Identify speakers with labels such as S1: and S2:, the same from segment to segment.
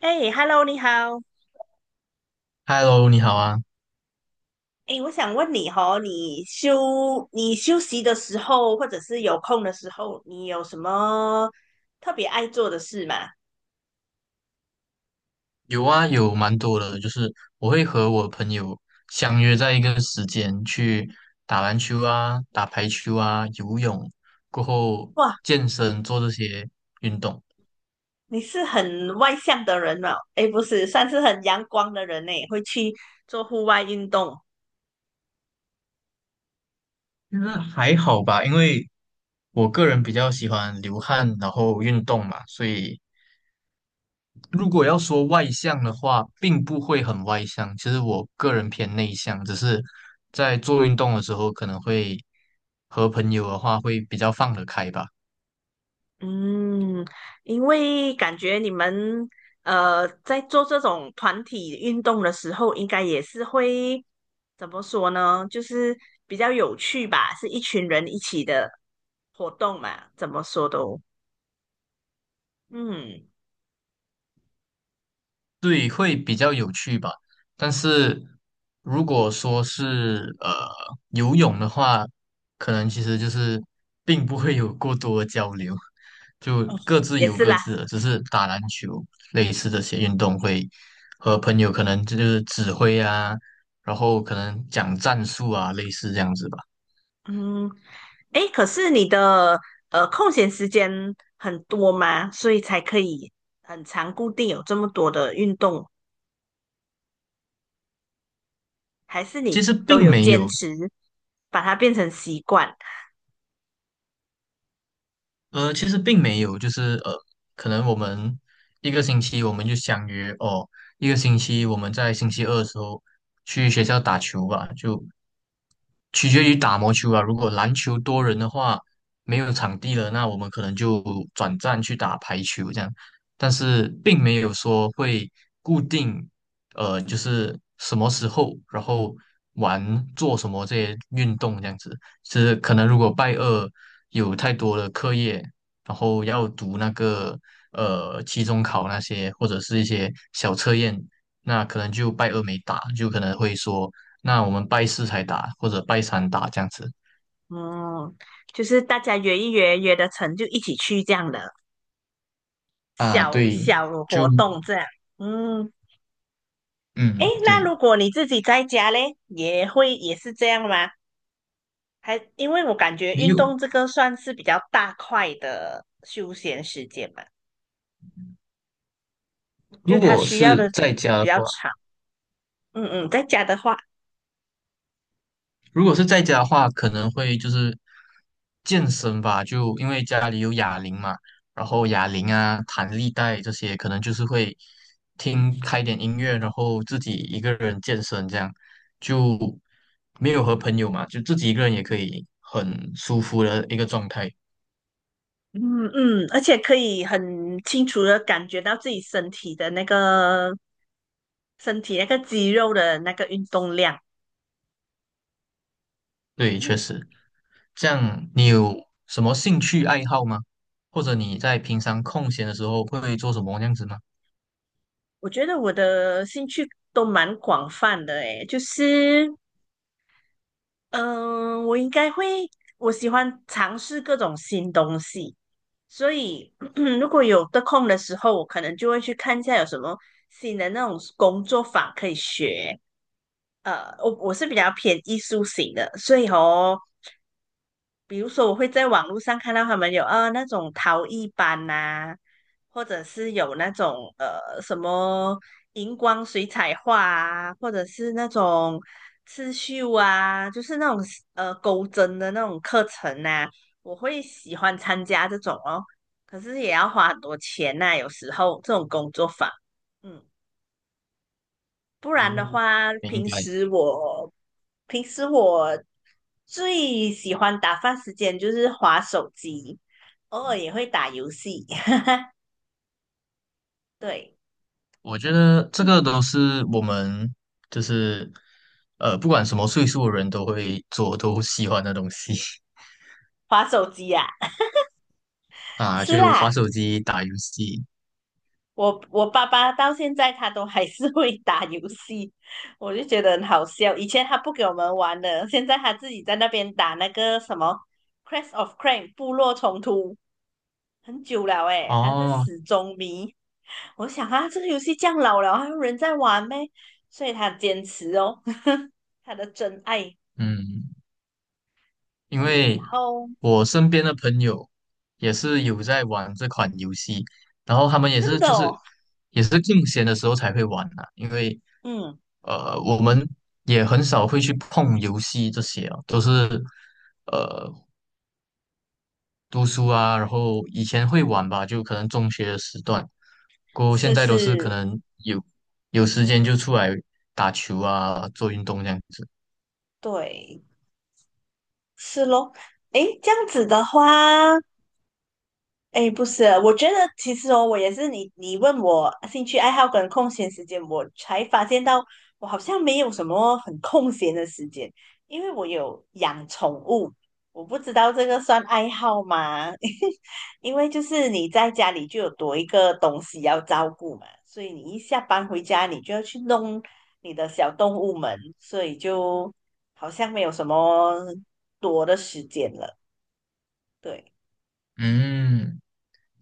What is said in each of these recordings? S1: 哎，Hello，你好。
S2: Hello，你好啊。
S1: 哎，我想问你哦，你休息的时候，或者是有空的时候，你有什么特别爱做的事吗？
S2: 有啊，有蛮多的，我会和我朋友相约在一个时间去打篮球啊、打排球啊、游泳，过后
S1: 哇，
S2: 健身做这些运动。
S1: 你是很外向的人哦。哎，不是，算是很阳光的人呢，会去做户外运动。
S2: 其实还好吧，因为我个人比较喜欢流汗，然后运动嘛，所以如果要说外向的话，并不会很外向。其实我个人偏内向，只是在做运动的时候可能会和朋友的话会比较放得开吧。
S1: 嗯，因为感觉你们在做这种团体运动的时候，应该也是会怎么说呢？就是比较有趣吧，是一群人一起的。活动嘛，怎么说都，嗯，
S2: 对，会比较有趣吧。但是如果说是游泳的话，可能其实就是并不会有过多的交流，就
S1: 哦，
S2: 各自
S1: 也
S2: 游
S1: 是
S2: 各
S1: 啦，
S2: 自的，只是打篮球类似这些运动会和朋友可能这就是指挥啊，然后可能讲战术啊，类似这样子吧。
S1: 嗯，诶，可是你的空闲时间很多吗？所以才可以很长固定有这么多的运动，还是
S2: 其
S1: 你
S2: 实
S1: 都
S2: 并
S1: 有
S2: 没
S1: 坚
S2: 有
S1: 持把它变成习惯？
S2: 其实并没有就是,可能我们一个星期我们就相约哦，一个星期我们在星期二的时候去学校打球吧，就取决于打毛球啊。如果篮球多人的话，没有场地了，那我们可能就转战去打排球这样。但是并没有说会固定，就是什么时候，然后玩做什么这些运动这样子。是可能如果拜二有太多的课业，然后要读那个期中考那些，或者是一些小测验，那可能就拜二没打，就可能会说，那我们拜四才打，或者拜三打这样子。
S1: 嗯，就是大家约一约，约得成就一起去这样的
S2: 啊，
S1: 小
S2: 对，
S1: 小活
S2: 就
S1: 动这样。嗯，诶，
S2: 嗯，
S1: 那
S2: 对。
S1: 如果你自己在家嘞，也是这样吗？还因为我感觉
S2: 没
S1: 运
S2: 有。
S1: 动这个算是比较大块的休闲时间嘛，就
S2: 如
S1: 它
S2: 果
S1: 需要
S2: 是
S1: 的
S2: 在家
S1: 比
S2: 的
S1: 较
S2: 话，
S1: 长。嗯嗯，在家的话，
S2: 如果是在家的话可能会就是健身吧，就因为家里有哑铃嘛，然后哑铃啊、弹力带这些，可能就是会听开点音乐，然后自己一个人健身，这样就没有和朋友嘛，就自己一个人也可以很舒服的一个状态。
S1: 嗯嗯，而且可以很清楚的感觉到自己身体的那个身体那个肌肉的那个运动量。
S2: 对，确
S1: 嗯，
S2: 实。这样你有什么兴趣爱好吗？或者你在平常空闲的时候会做什么这样子吗？
S1: 我觉得我的兴趣都蛮广泛的诶，就是嗯、呃我应该会我喜欢尝试各种新东西。所以 如果有得空的时候，我可能就会去看一下有什么新的那种工作法可以学。呃，我是比较偏艺术型的，所以哦，比如说，我会在网络上看到他们有那种陶艺班呐、或者是有那种什么荧光水彩画啊，或者是那种刺绣啊，就是那种钩针的那种课程呐、我会喜欢参加这种哦。可是也要花很多钱呐、有时候这种工作坊，嗯。不然的
S2: 嗯，
S1: 话，
S2: 明
S1: 平
S2: 白。
S1: 时我平时我最喜欢打发时间就是划手机，偶尔也会打游戏。对，
S2: 我觉得这
S1: 嗯，
S2: 个都是我们就是不管什么岁数的人都会做、都喜欢的东西
S1: 划手机呀、
S2: 啊，
S1: 是
S2: 就滑
S1: 啦，
S2: 手机、打游戏。
S1: 我爸爸到现在他都还是会打游戏，我就觉得很好笑。以前他不给我们玩的，现在他自己在那边打那个什么《Crash of Clans》部落冲突，很久了诶，他是
S2: 哦，
S1: 死忠迷。我想啊，这个游戏这样老了，还有人在玩呗，所以他坚持哦，他的真爱，
S2: 嗯，因
S1: 嗯，然
S2: 为
S1: 后
S2: 我身边的朋友也是有在玩这款游戏，然后他们也
S1: 真
S2: 是
S1: 的
S2: 就是
S1: 哦，
S2: 也是空闲的时候才会玩啊，因为
S1: 嗯，
S2: 我们也很少会去碰游戏这些啊，都是呃读书啊，然后以前会玩吧，就可能中学的时段，过后现
S1: 是
S2: 在都是可
S1: 是，
S2: 能有有时间就出来打球啊，做运动这样子。
S1: 对，是咯，诶，这样子的话，哎，不是，我觉得其实哦，我也是你，你问我兴趣爱好跟空闲时间，我才发现到我好像没有什么很空闲的时间，因为我有养宠物，我不知道这个算爱好吗？因为就是你在家里就有多一个东西要照顾嘛，所以你一下班回家，你就要去弄你的小动物们，所以就好像没有什么多的时间了。对。
S2: 嗯，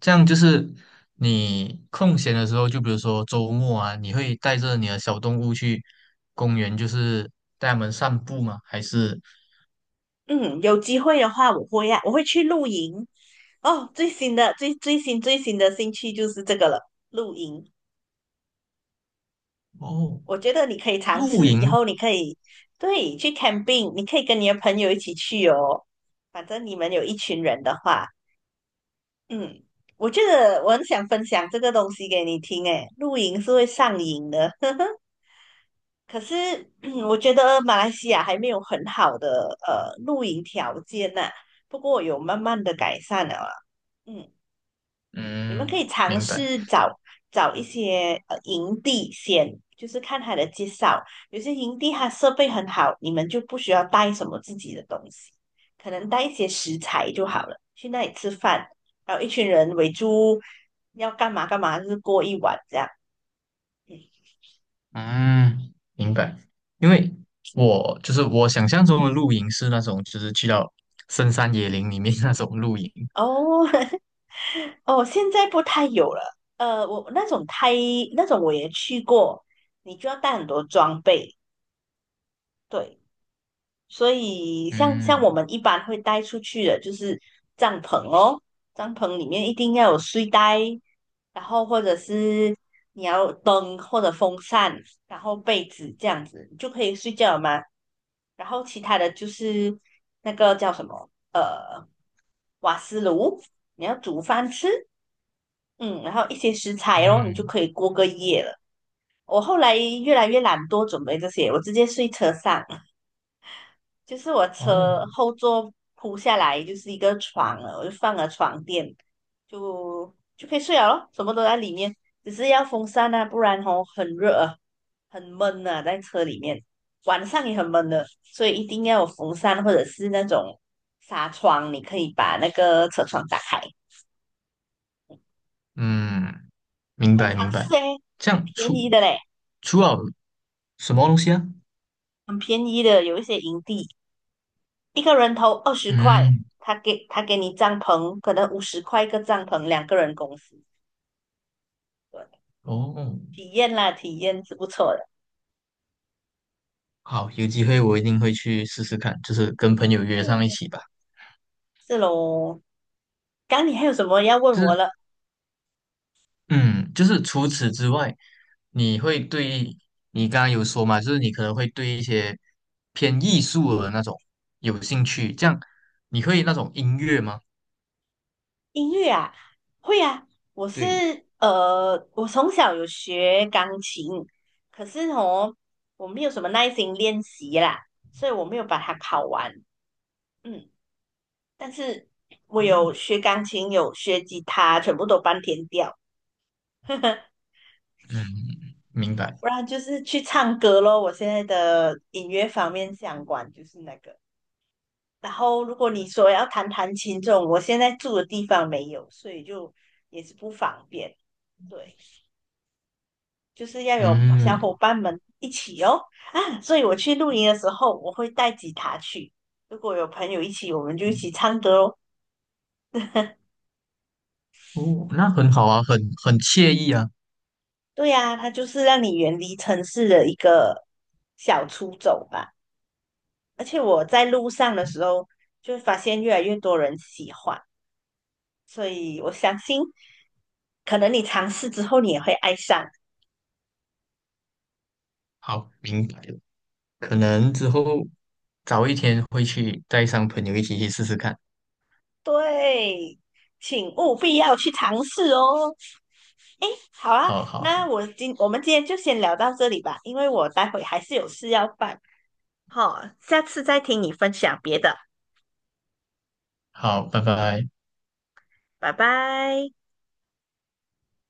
S2: 这样就是你空闲的时候，就比如说周末啊，你会带着你的小动物去公园，就是带它们散步吗？还是
S1: 嗯，有机会的话，我会呀，我会去露营。哦，最新的兴趣就是这个了，露营。
S2: 哦
S1: 我觉得你可以尝
S2: 露
S1: 试，
S2: 营？
S1: 以后你可以对去 camping，你可以跟你的朋友一起去哦。反正你们有一群人的话，嗯，我觉得我很想分享这个东西给你听。诶，露营是会上瘾的，可是我觉得马来西亚还没有很好的露营条件呐、不过有慢慢的改善了啊嗯。你们可
S2: 嗯，
S1: 以尝
S2: 明白。
S1: 试找一些营地先，就是看他的介绍。有些营地它设备很好，你们就不需要带什么自己的东西，可能带一些食材就好了。去那里吃饭，然后一群人围住，要干嘛干嘛，就是过一晚这样。嗯
S2: 嗯，明白。因为我就是我想象中的露营是那种，就是去到深山野林里面 那种露营。
S1: 哦 哦，现在不太有了。呃，我那种太那种我也去过，你就要带很多装备。对，所以像我
S2: 嗯
S1: 们一般会带出去的，就是帐篷哦，帐篷里面一定要有睡袋，然后或者是你要灯或者风扇，然后被子这样子，你就可以睡觉了嘛。然后其他的就是那个叫什么，瓦斯炉，你要煮饭吃，嗯，然后一些食材哦，你就
S2: 嗯
S1: 可以过个夜了。我后来越来越懒惰准备这些，我直接睡车上。就是我
S2: 哦
S1: 车后座铺下来就是一个床了，我就放了床垫，就可以睡了咯，什么都在里面，只是要风扇啊，不然哦很热啊，很闷啊，在车里面，晚上也很闷的，所以一定要有风扇或者是那种纱窗，你可以把那个车窗打开，
S2: 嗯，明
S1: 可以
S2: 白
S1: 尝
S2: 明
S1: 试
S2: 白。
S1: 诶，
S2: 这
S1: 很
S2: 样
S1: 便
S2: 除
S1: 宜的嘞，
S2: 除了什么东西啊？
S1: 很便宜的，有一些营地一个人头20块。
S2: 嗯
S1: 他给你帐篷，可能50块一个帐篷，两个人公司。对，
S2: 哦，
S1: 体验啦，体验是不错的。
S2: 好，有机会我一定会去试试看，就是跟朋友约上一
S1: 嗯，
S2: 起吧。
S1: 是喽，刚你还有什么要问
S2: 就
S1: 我
S2: 是，
S1: 了？
S2: 嗯，就是除此之外，你会对你刚刚有说嘛，就是你可能会对一些偏艺术的那种有兴趣，这样你会那种音乐吗？
S1: 音乐啊，会啊，我是
S2: 对，
S1: 呃，我从小有学钢琴，可是哦，我没有什么耐心练习啦，所以我没有把它考完。嗯，但是我有
S2: 嗯
S1: 学钢琴，有学吉他，全部都半天掉。呵呵，
S2: 嗯，明白，
S1: 不然就是去唱歌咯。我现在的音乐方面相关就是那个。然后如果你说要弹弹琴这种，我现在住的地方没有，所以就也是不方便。对，就是要有小伙
S2: 嗯，
S1: 伴们一起哦啊！所以我去露营的时候，我会带吉他去。如果有朋友一起，我们就一起唱歌哦。
S2: 哦，那很好啊，很惬意啊。
S1: 对呀、啊它就是让你远离城市的一个小出走吧。而且我在路上的时候，就发现越来越多人喜欢，所以我相信，可能你尝试之后，你也会爱上。
S2: 好，明白了，可能之后早一天会去带上朋友一起去试试看。
S1: 对，请务必要去尝试哦。诶，好啊，
S2: 好好
S1: 那我们今天就先聊到这里吧，因为我待会还是有事要办。好，下次再听你分享别的，
S2: 好，拜拜。
S1: 拜拜。